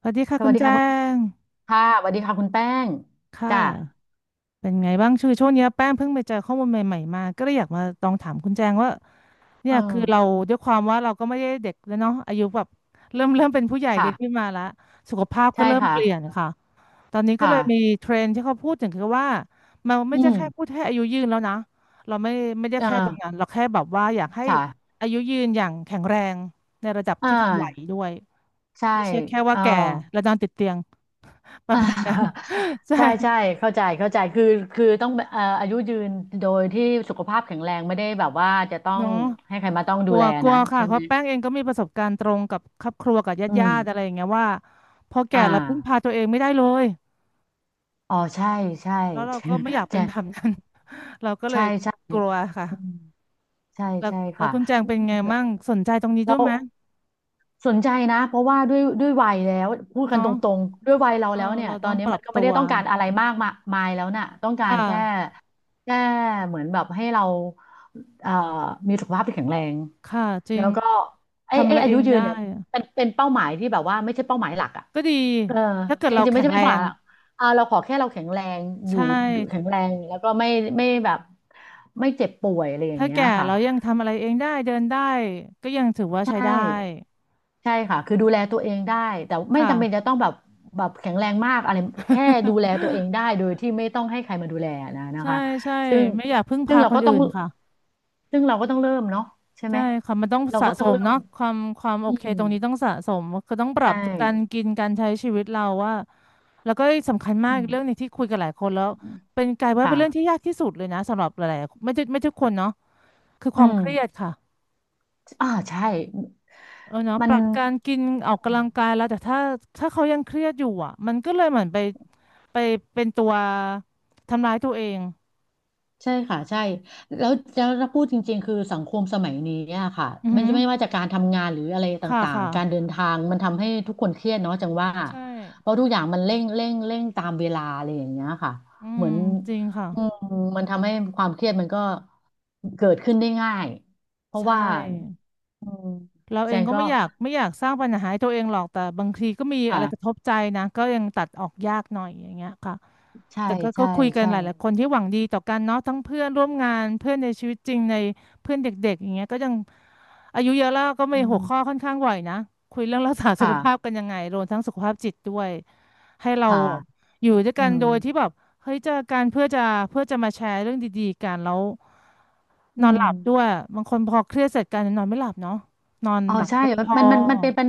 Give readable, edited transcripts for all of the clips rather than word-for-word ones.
สวัสดีค่ะสคุวัสณดีแจ้ค่ะคุณงค่ะสวัสดีค่ะคุณแป้งค่ะจ้ะเป็นไงบ้างช่วงช่วงเนี้ยแป้งเพิ่งไปเจอข้อมูลใหม่ๆมาก็เลยอยากมาลองถามคุณแจงว่าเนี่เออยคือเราด้วยความว่าเราก็ไม่ได้เด็กแล้วเนาะอายุแบบเริ่มเป็นผู้ใหญ่กันขึ้นค่ะมาละสุขภาพก็ใช่เริ่มค่ะเปลี่ยนค่ะตอนนี้ก็เลยมีค่ะเทรนด์ที่เขาพูดถึงคือว่ามันไม่อืใช่มแค่พูดให้อายุยืนแล้วนะเราไม่ได้เออแค่ตรงนั้นเราแค่แบบว่าอยากให้ค่ะอายุยืนอย่างแข็งแรงในระดับอ่าที่ทำไหวด้วยใช่ไม่ใช่แค่ว่าเออแก่แล้วนอนติดเตียง ประอ่า มาณนั้น ใช่ ใช่ใช่เข้าใจเข้าใจคือคือต้องอายุยืนโดยที่สุขภาพแข็งแรงไม่ได้แบบว่าจะต้องเนาะให้ใครมาต้องกดูลัวแลกลันะวค่ะใช่เพไหมราะแป้งเองก็มีประสบการณ์ตรงกับครอบครัวกับญาอืติญามติอะไรอย่างเงี้ยว่าพอแก่อ่าเราพึ่งพาตัวเองไม่ได้เลยอ๋อใช่ใช่ แล้วเราก็ไม่อยาก เป็นใช่แบบนั้น เราก็เลใช่ยใช่กลัวค่ะอืมใช่แล้วใช่แล้วค่ะคุณแจงเป็นไงมั่งสนใจตรงนี้แล้ด้วยว ไหมสนใจนะเพราะว่าด้วยวัยแล้วพูดกันตเนาะรงๆด้วยวัยเราเออแล้วเนี่ยเราตอต้อนงนี้ปรัมันบก็ไม่ตัได้วต้องการอะไรมากมามายแล้วน่ะต้องกาค่รแค่ะแค่เหมือนแบบให้เราเอ่อมีสุขภาพที่แข็งแรงค่ะจริแล้งวก็ไอ้ทำอะไอ้ไรอาเอยุงยืได้นเนี่ยเป็นเป้าหมายที่แบบว่าไม่ใช่เป้าหมายหลักอ่ะก็ดีเออถ้าเกิจดเราริงๆไม่แข็ใช่งไมาแรยงหรอกอ่าเราขอแค่เราแข็งแรงอยู่ใช่ อยู่แข็งแรงแล้วก็ไม่ไม่แบบไม่เจ็บป่วยอะไรอย่างถ้าเงี้ยแก่ค่ะแล้วยังทำอะไรเองได้เดินได้ก็ยังถือว่าใช้ใช่ ได้ใช่ค่ะ คือดูแลตัวเองได้ แต่ไม่ค่ะ จำเป็นจะต้องแบบแบบแข็งแรงมากอะไรแค่ดูแลตัวเอ งได้โดยที่ไม่ต้องให้ใครมาดูแลนะนะใช่คะใช่ซึ่งไม่อยากพึ่งซึ่งพาเราคนก็ต้อื่องนค่ะซึ่งเราก็ต้องเริ่มเนาะใช่ไหใช่มค่ะมันต้องเราสะก็สต้องมเริ่มเนาะความโออืเคมตรงนี้ต้องสะสมก็ต้องปรัใช่บการกินการใช้ชีวิตเราว่าแล้วก็สำคัญมาอืกอีมกเรื่องหนึงที่คุยกับหลายคนแล้วเป็นกลายว่าเป็นเรื่องที่ค่ะยากที่สุดเลยนะสำหรับหลายๆไม่ใช่ไม่ทุกคนเนาะคือคอืวามมเครียดค่ะอ่าใช่ เออเนาะมัปน รับการกินออกกำลังกายแล้วแต่ถ้าเขายังเครียดอยู่อ่ะมันก็เลยเหมือนไปเป็นตัวทำร้ายตัวเองใช่ค่ะใช่แล้วถ้าพูดจริงๆคือสังคมสมัยนี้อะค่ะอือไม่หือไม่ว่าจะการทำงานหรืออะไรตค่ะ่างค่ะ ๆการเดินทางมันทำให้ทุกคนเครียดเนาะจังว่าใช่เพราะทุกอย่างมันเร่งตามเวลาอะไรอย่างเงี้ยค่ะอืเหมืมอนจริงค่ะ อืมมันทำให้ความเครียดมันก็เกิดขึ้นได้ง่ายเพราะใชว่า่ อืมเราแจเองงก็ก็ไม่อยากสร้างปัญหาให้ตัวเองหรอก แต่บางทีก็มีอะไรกระค่ะทบใจนะก็ยังตัดออกยากหน่อยอย่างเงี้ยค่ะใช่แต่ก็ก็ใช่คุยกันใช่หลายๆคนที่หวังดีต่อกันเนาะทั้งเพื่อนร่วมงานเพื่อนในชีวิตจริงในเพื่อนเด็กๆอย่างเงี้ยก็ยัง อายุเยอะแล้วก็มีอืหัวมข้อค่อนข้างบ่อยนะคุยเรื่องรักษาสุขภาพค่ะกันยังไงรวมทั้งสุขภาพจิตด้วยให้เราค่ะอยู่ด้วยอืกันมโดยที่แบบเฮ้ยเจอกันเพื่อจะมาแชร์เรื่องดีๆกันแล้วอืนอนหม ลับด้วยบางคนพอเครียดเสร็จกันนอนไม่หลับเนาะนอนอ๋อหลับใช่ไม่พอมันเป็นปัญ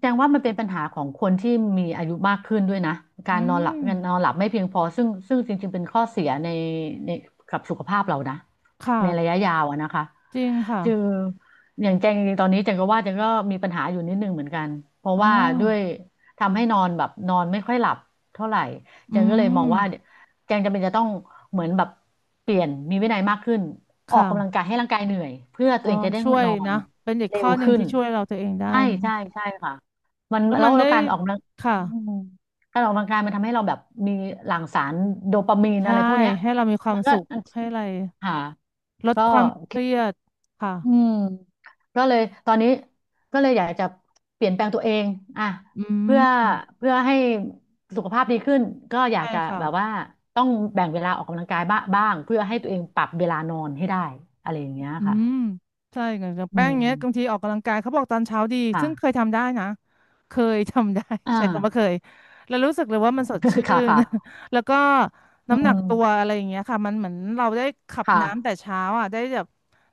แจ้งว่ามันเป็นปัญหาของคนที่มีอายุมากขึ้นด้วยนะ กาอืรนอนหลับมการนอนหลับไม่เพียงพอซึ่งจริงๆ เป็นข้อเสียในในกับสุขภาพเรานะในระค่ะยะยาวอะนะคะจริงค่ะคืออย่างแจงจริงๆตอนนี้แจงก็ว่าแจงก็มีปัญหาอยู่นิดนึงเหมือนกัน เพราะอ๋อว่าด้วยทำให้นอนแบบนอนไม่ค่อยหลับเท่าไหร่อืแจงก็เลยมอมงว่า แจงจำเป็นจะต้องเหมือนแบบเปลี่ยนมีวินัยมากขึ้นออกกำลังค่ะกายให้ร่างกายเหนื่อยเพื่อตัอ๋วอเองจะได้ช่วยนอนนะเป็นอีกเร็ข้วอหนึ่งขึ้นที่ช่วยเราตัวเองได้ใช่นะใช่ใช่ค่ะมันแล้วแล้มัวนแล้ได้วการออกกำลังอืค่ะ มการออกกำลังกายมันทำให้เราแบบมีหลั่งสารโดปามีนใช่อะไรพวกเนี้ยให้เรามีความัมนก็สุขให้อะไรค่ะลดก็ ความเครียดค่ะอืมก็เลยตอนนี้ก็เลยอยากจะเปลี่ยนแปลงตัวเองอ่ะอืเพื่อมเพื่อให้สุขภาพดีขึ้นก็อยาใช่กจะค่ะ แบบว่าต้องแบ่งเวลาออกกำลังกายบ้าบ้างเพื่อให้ตัวเองปรับเวลานอนให้ได้อะไรอย่างเงี้ยอืค่ะมใช่ไงอย่างอืแป้งเนี้ยบางมทีออกกำลังกายเขาบอกตอนเช้าดีค่ะซึ่งเคยทำได้นะเคยทำได้ อ่า ใช้คำว่าเคยแล้วรู้สึกเลยว่ามันสดชื่ ค่ะน ค่ะ แล้วก็อืน้ำหนักมตัวอะไรอย่างเงี้ยค่ะมันเหมือนเราได้ขับค่ะน้ำแต่เช้าอ่ะได้แบบ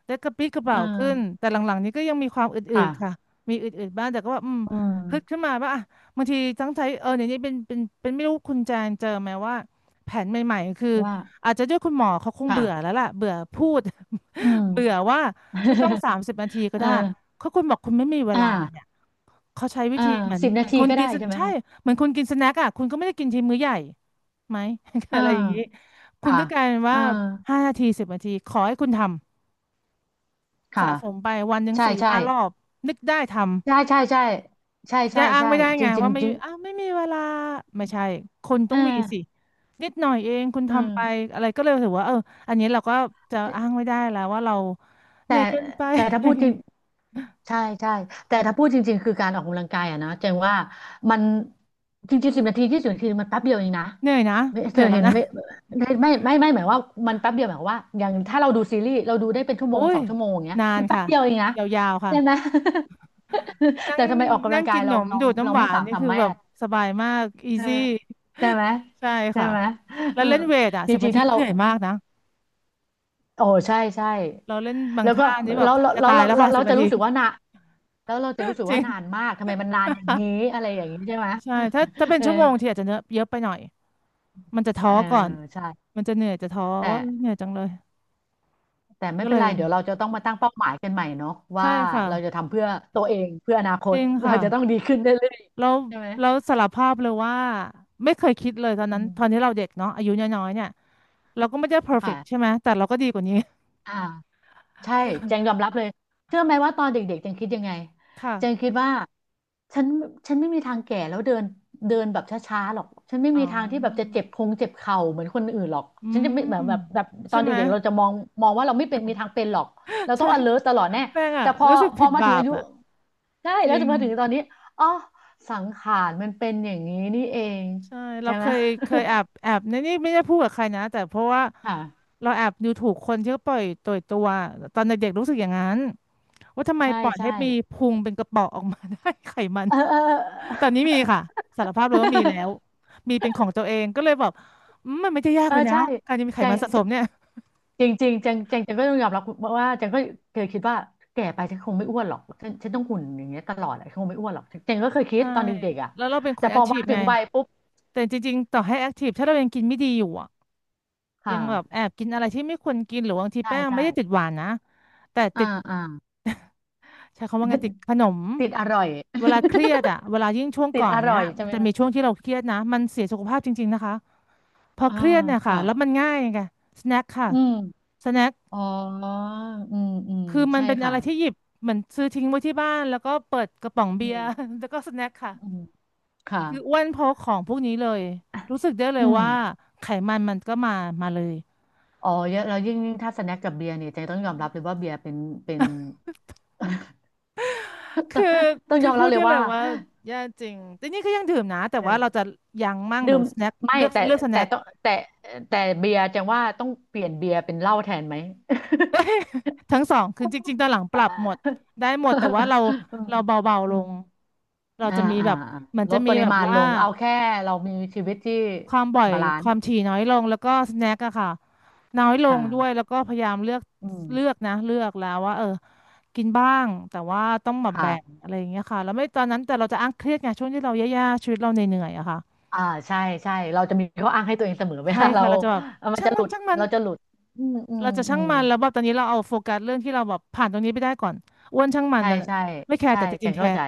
ได้กระปรี้กระเปเออร่าขึ้นแต่หลังๆนี้ก็ยังมีความอืค่ะดๆค่ะมีอืดๆบ้างแต่ก็ว่าอืมอืฮึดขึ้มนมาว่าอ่ะบางทีตั้งใจเออเดี๋ยวนี้เป็นไม่รู้คุณแจนเจอไหมว่าแผนใหม่ๆคือว่าอาจจะด้วยคุณหมอเขาคงเบื่อแล้ค่ะวล่ะเบื่อพูด อืม เบื่อว่าไม่ต้อง 30 นาทีก็เออได้เขาคุณบอกคุณไม่มีเวอลาเนี่ย่าเขาใช้วิอ่าธีเหมือนสิบเหมืนาอนทีคนก็กิได้นสใช่ไหมใช่คะเหมือนคนกินสแน็คอ่ะคุณก็ไม่ได้กินทีมื้อใหญ่ไหม อ่าอะไรอย่างนี้คุณค่ะก็กลายเป็นว่าอ่า5 นาที 10 นาทีขอให้คุณทำสะค่ะ สมไปวันหนึ่งใช่สี่ใช่ห้ารอบนึกได้ทำใช่ใช่ใช่ใช่จะใช่ได้อ้างใช่ไม่ได้จไงริงจริงว่าไม่จริงอ้าวไม่มีเวลาไม่ใช่คนเอต้อองมีสินิดหน่อยเองคุณอืมทำไปอะไรก็เลยถือว่าเอออันนี้เราก็จะแอ้างไม่ได้แล้วว่าเราเหต่นื่อยเกินไป แต่ถ้าพูดจริงใช่ใช่แต่ถ้าพูดจริงๆคือการออกกำลังกายอะนะเจงว่ามันจริงๆ10 นาที 20 นาทีมันแป๊บเดียวเองนะเหนื่อยนะไม่เหเธนื่ออยแล้วเห็นนะ ไหมไม่หมายว่ามันแป๊บเดียวหมายความว่าอย่างถ้าเราดูซีรีส์เราดูได้เป็นชั่ วโอ้โมงสยองชั่วโมงอย่างเงี้ยนานมันแป๊บค่ะเดียวเองนะยาวๆค่ะใช่ไหม นั่งแต่ทำไมออกกำนั่ลังงกากิยนขนเรามเราดูดเราน้ำหไม่วานสามารนี่ถทำคือไม่ แบบสบายมากอีเออซี่ ใช่ไหม ใช่ใช่ค่ะไหมแล้วอืเล่มนเวทอ่ะจสิบรินางๆทีถ้าก็เราเหนื่อยมากนะโอ้ใช่ใช่เราเล่นบางแล้วก็ท่านี่แบบเราเราจะเราตายเราแล้วเราค่ะสิเราบจะนาที รู้สึกว่านาแล้วเราจะรู้สึ กจริว่าง นานมากทำไมมันนานอย่างนี้อะไรอย่างนี้ใช่ไหม ใช่ถ้าเป็นเออชั่วโมงทีอาจจะเนอะเยอะไปหน่อยมันจะท้เอออก่อนใช่มันจะเหนื่อยจะท้อแต่ว่าเอ้ยเหนื่อยจังเลยแต่ไม่ก็เป็เลนยไรเดี๋ยวเราจะต้องมาตั้งเป้าหมายกันใหม่เนาะว่าใช่ค่ะเราจะทำเพื่อตัวเองเพื่ออนาคจตริงเราค่ะ จะต้องดีขึ้นเรื่อยแล้วๆใช่ไหมแล้วสารภาพเลยว่าไม่เคยคิดเลยตอนอืนั้นตอนที่มเราเด็กเนาะอายุน้อยๆเนี่ยเราก็ไม่ได้ perfect ใช่ไหค่ะมแต่เราก็ดีกว่านี้ อ่า ใช่ คือเจงยอมรับเลยเชื่อไหมว่าตอนเด็กๆเจงคิดยังไงเจงค่ะคิดว่าฉันฉันไม่มีทางแก่แล้วเดินเดินแบบช้าๆหรอกฉันไม่อ๋มีอทางที่แบบจะเจ็บคงเจ็บเข่าเหมือนคนอื่นหรอกอืฉันจะไม่มแบบตอใช่นไหม เด็กๆเราจะมองมองว่าเราไม่เป็นมีทางเป็นหรอกเรา ต้อใช่ง alert ตลอดแน่แป้งอะแต่พอรู้สึกพอผิดมาถึบางอาปยุอะใช่จแล้วริจะงมาถึงตอนนี้อ๋อสังขารมันเป็นอย่างนี้นี่เองใช่เราใช่เคไหม ยเคยแอบในนี่ไม่ได้พูดกับใครนะแต่เพราะว่า ค่ะเราแอบดูถูกคนที่เขาปล่อยตัวตอนเด็กๆรู้สึกอย่างนั้นว่าทำไมใช่ปล่อยใช่ให้มีพุงเป็นกระเป๋อออกมา ได้ ไขมัน เออเออเอตออ นนี้มีค่ะสารภาพเลยว่ามีแล้ว มีเป็นของตัวเองก็เลยแบบอืมมันไม่ได้ยากเออเลยนะใช่การจะมีไขใจ มันสะสมเนี่ยจริงๆงจังจังจังก็ต้องยอมรับว่าจังก็เคยคิดว่าแก่ไปฉันคงไม่อ้วนหรอกฉันต้องหุ่นอย่างเงี้ยตลอดอะฉันคงไม่อ้วนหรอกจังก็เคยคิดใช่ตอนเด็กๆอ่ะแล้วเราเป็นคแต่นพแออคทีมาฟถึไงงวัยปุ๊บแต่จริงๆต่อให้แอคทีฟถ้าเรายังกินไม่ดีอยู่อ่ะคยังแบบแอ่ะบกินอะไรที่ไม่ควรกินหรือบางทีใช่แป้งใช่ไม่ได้ติดหวานนะแต่ติอ่าดอ่า ใช้คำว่าไงติดขนม ติดอร่อย เวลาเครียดอ่ะเวลายิ่งช่วง ติก่ดอนอเนี้ร่อยยใช่ไหมจะมีคะช่วงที่เราเครียดนะมันเสียสุขภาพจริงๆนะคะพออ่าเครียดเนี่ยค่ะค่ะแล้วมันง่ายไงสแน็คค่ะอืมสแน็ค อ๋ออืมอืมคือมันใช่เป็นอะค่ะไรที่หยิบเหมือนซื้อทิ้งไว้ที่บ้านแล้วก็เปิดกระป๋องอืเบียร์ ม แล้วก็สแน็คค่ะอืมค่ะคืออ้วนเพราะของพวกนี้เลยรู้สึกได้เลอืยว่ามไขมันมันก็มามาเลยอ๋อเยอะแล้วยิ่งยิ่งถ้าสแน็คกับเบียร์เนี่ยเจต้องยอมรับเลยว่าเบียร์เป็น คือต้องคืยออมรัพูบดเลยได้เลว่า ยว่าแย่จริงแต่นี่ก็ยังดื่มนะแต่เอว่าอเราจะยั้งมั่งหดื่รือมสแน็คไม่เลือกแต่เลือกสแต่แน็คต้องแต่แต่เบียร์จังว่าต้องเปลี่ยนเบียร์เป็นเหล้าแทนไหม ทั้งสองคือจริงๆตอ นหลังปอ่รับหมดา ได้หมดแต่ว่าเรา อืมเราเบาๆอืลงมเราอ่าจะมีอ่าแบบอ่าเหมือนลจะดปมีริแบบมาณลว่า งเอาแค่เรามีชีวิตที่ความบ่อยบาลานคซ์วามถี่น้อยลงแล้วอืก็มสแน็คอะค่ะน้อยลงด้วยค่ะแล้วก็พยายามเลือกอืเลือกมนะเลือกแล้วว่าเออกินบ้างแต่ว่าต้องแบบแบ่งค่ะอะไรอย่างเงี้ยค่ะแล้วไม่ตอนนั้นแต่เราจะอ้างเครียดไงช่วงที่เราแย่ๆชีวิตเราเหนื่อยๆอะค่ะอ่าใช่ใช่เราจะมีข้ออ้างให้ตัวเองเสมอ เวใช่ลาเราค่ะเราจะแบบเออมันช่างจะหมัลุนดช่างมันเราจะหลุดอืมอืมเราจะอืช่างมมันแล้วแบบตอนนี้เราเอาโฟกัสเรื่องที่เราแบบผ่านตรงนี้ไปได้ก่อนอ้วนช่างมันใช่แต่ใช่ไม่แคร์ใช่แต่จจัริงงๆแคเข้าร์ใจ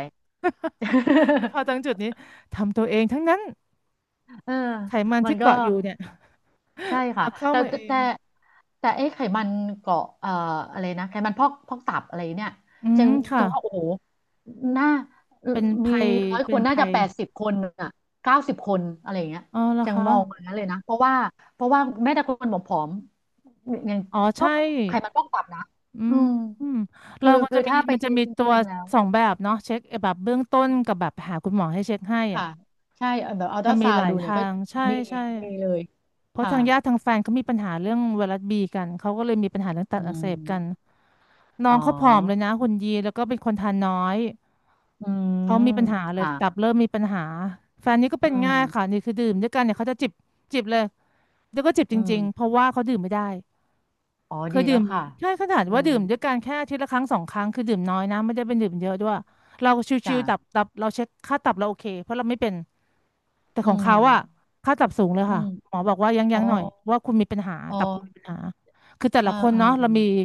แต่พอตรงจุดนี้ทำตัวเองทั้งนั้นเออไขมันมันที่ก็ เกาะอยู่เนี่ยใช่ค่ะเอาเข้าแต่มาแต่เองแต่แต่ไอ้ไขมันเกาะอะไรนะไขมันพอกตับอะไรเนี่ยอืจัมงค่ะจังว่าโอ้โหน่าเป็นมีภัยร้อยคเป็นนน่าภัจะย แปดสิบคนอ่ะเก้าสิบคนอะไรอย่างเงี้ยอ๋อเหรอจังคะมองมาเลยนะเพราะว่าแม้แต่คนผอมๆยังอ๋อก็ใช่ไขมันพอกตับนะอือืมมอืมคือเราก็คือจะมีถ้าไปมันจะเช็คมีจตัวริงๆแล้วสองแบบเนาะเช็คแบบเบื้องต้นอืกับแบมบหาคุณหมอให้เช็คให้อ่ะค่ะใช่แบบอัลตมัรานมีซาหวลายดูเนี่ยทาก็งใช่มีใช่มีเลยเพราะค่ะทางญาติทางแฟนเขามีปัญหาเรื่องไวรัสบีกันเขาก็เลยมีปัญหาเรื่องตับอือักเสมบกันน้ออ๋งอ เขาผอมเลยนะหุ่นดีแล้วก็เป็นคนทานน้อยอืเขามมีปัญหาเลยค่ะตับเริ่มมีปัญหาแฟนนี่ก็อืเป็นง่ายค่ะมนี่คือดื่มด้วยกันเนี่ยเขาจะจิบจิบเลยแล้วก็จิบจอืริงๆเพมราะว่าเขาดื่มไม่ได้ อ๋อเคดียดื่แล้วมค่ะใช่ขนาดอืว่ามดื่มด้วยกันแค่อาทิตย์ละครั้งสองครั้งคือดื่มน้อยนะไม่ได้เป็นดื่มเยอะด้วยเราชิจ้ะวๆตับเราเช็คค่าตับเราโอเคเพราะเราไม่เป็นแต่อืของมเขาอะค่าตับสูงเลยอืค่ะมหมอบอกว่ายังอ๋อหน่อยว่าคุณมีปัญหาอ๋อตับคุณมีปัญหาคือแต่เออละคนเออเนาะเอเรามีอ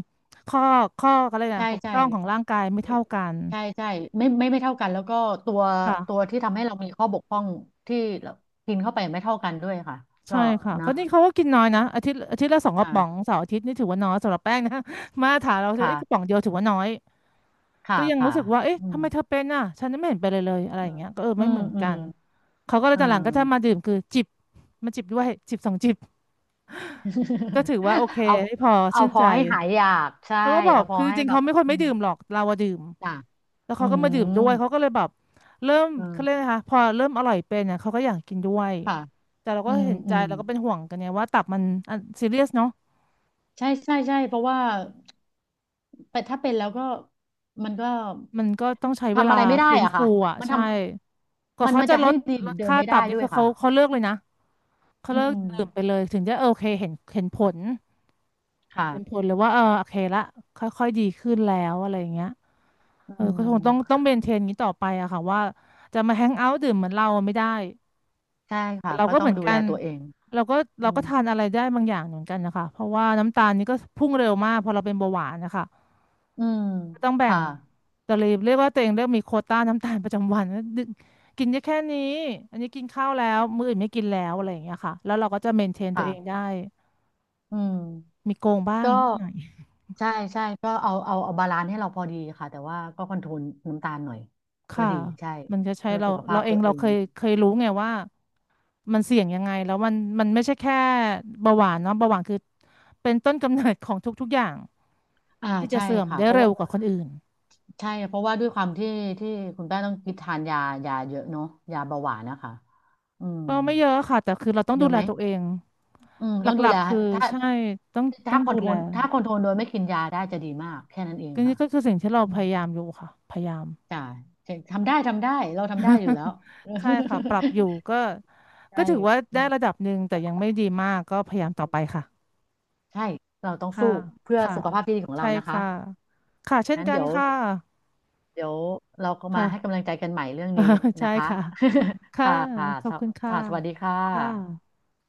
ข้ออะไรนะใช่บกพใช่ร่องของร่างกายไม่เท่ากันใช่ใช่ไม่ไม่ไม่เท่ากันแล้วก็ตัวค่ะตัวที่ทำให้เรามีข้อบกพร่องที่เรากินเข้าไปไม่เท่ากันด้วยค่ะก็ใช่ค่ะนะก็นี่เขาก็กินน้อยนะอาทิตย์ละสองกระป๋องค่ะเสาร์อาทิตย์นี่ถือว่าน้อยสำหรับแป้งนะ มาถรามเราถือว่าค่ะเอ้ยกระป๋องเดียวถือว่าน้อย ค่ะก็ยังค่ะรู้สึกว่าเอ๊ะอืทำมไมเธอเป็นอ่ะฉันไม่เห็นเป็นเลยเลยอะไรอย่างเงี้ยก็เอออืไม่อเหมมือนอืกัมนเขาก็เลยอืตอนหลังก็จะมามดื่มคือจิบมาจิบด้วยจิบสองจิบก็ถือเออ ว่าโอเค เอาให้พอเอาชื่นพอใจให้หายอยากใช่เขาก็บอกเอาพอคือให้จริงๆแบเขาบไม่ค่อยอืไม่มดื่มหรอกเราอะดื่มจ้ะ แล้วอืเขาก็มาดื่มมด้วยเขาก็เลยแบบเริ่มอ่าเขาเรียกนะคะพอเริ่มอร่อยเป็นเนี่ยเขาก็อยากกินด้วยค่ะแต่เราอืก็มเห็นอืใจมเราก็เป็นห่วงกันเนี่ยว่าตับมันซีเรียสเนาะใช่ใช่ใช่เพราะว่าแต่ถ้าเป็นแล้วก็มันก็มันก็ต้องใช้เวทำลาอะไรไม่ได้ใฟื้นอ่ะฟูค่ะอ่ะมันใช่กว่าเขาจะจะลให้ดดีเหลมือดนเดิมค่าไม่ตัได้บนี่ด้วยคือค่ะเขาเลิกเลยนะ เขาอืเลิกดื่มไปมเลยถึงจะโอเคเห็นเห็นผลเห็นผค่ะลเลยว่าเออโอเคละค่อยๆดีขึ้นแล้วอะไรอย่างเงี้ยอืเออก็คงต้องต้มองเมนเทนอย่างนี้ต่อไปอะค่ะว่าจะมาแฮงเอาท์ดื่มเหมือนเราไม่ได้ใช่แต่ค่ะเราก็ก็ต้เหองมือนดูกัแลนตัวเองเราก็อืเราก็มทานอะไรได้บางอย่างเหมือนกันนะคะเพราะว่าน้ำตาลนี่ก็พุ่งเร็วมากพอเราเป็นเบาหวานนะคะอืมก็ต้องแบ่งค่ะแต่เรียกว่าตัวเองเริ่มมีโควต้าน้ำตาลประจำวันแล้วดึกกินได้แค่นี้อันนี้กินข้าวแล้วมื้ออื่นไม่กินแล้วอะไรอย่างเงี้ยค่ะแล้วเราก็จะเมนเทนตัวค่ะเองได้ อืมมีโกงบ้างก็นิดหน่อยใช่ใช่ก็เอาบาลานซ์ให้เราพอดีค่ะแต่ว่าก็คอนโทรลน้ำตาลหน่อยก็ค่ะดีใช่มันจะใช้เพื่อเราสุขภาเราพเอตังวเอเราเคง ยรู้ไงว่ามันเสี่ยงยังไงแล้วมันไม่ใช่แค่เบาหวานเนาะเบาหวานคือเป็นต้นกำเนิดของทุกๆอย่างอ่าที่จะใช่เสื่อมค่ะได้เพราะเร็ว่าวกว่าคนอื่นใช่เพราะว่าด้วยความที่ที่คุณแป้งต้องกินทานยายาเยอะเนาะยาเบาหวานนะคะอืมก็ไม่เยอะค่ะแต่คือเราต้องเยดูอะแลไหมตัวเองอืมหต้องดูลัแลกๆคือถ้าใช่ต้องต้ถ้าองคอดูนโทรแลลถ้าคอนโทรลโดยไม่กินยาได้จะดีมากแค่นั้นเองก็นี่ค่ะก็คือสิ่งที่เราอืพมยายามอยู่ค่ะพยายาม จ้ะทำได้ทำได้เราทำได้อยู่แล้ว ใช่ค่ะปรั บอยู่ก็ก็ใช่ถือว่าได้ระดับหนึ่งแต่ยังไม่ดีมากก็พยายามต่อไปค่ะ ใช่เราต้องค่ะสู้เพื่อค่ะสุขภาพที่ดีของใช่เรานะคะค่ะค่ะเช่นงั้นกันเดี๋ยว ค่ะเดี๋ยวเราก็มาค่ะ ให้กำลังใจกันใหม่เรื่องนี้ ใช่นะคะ ค่ะ ค่ะค่ะค่ะขอสบวคุณค่ะค่ะสวัสดีค่ค่ะะ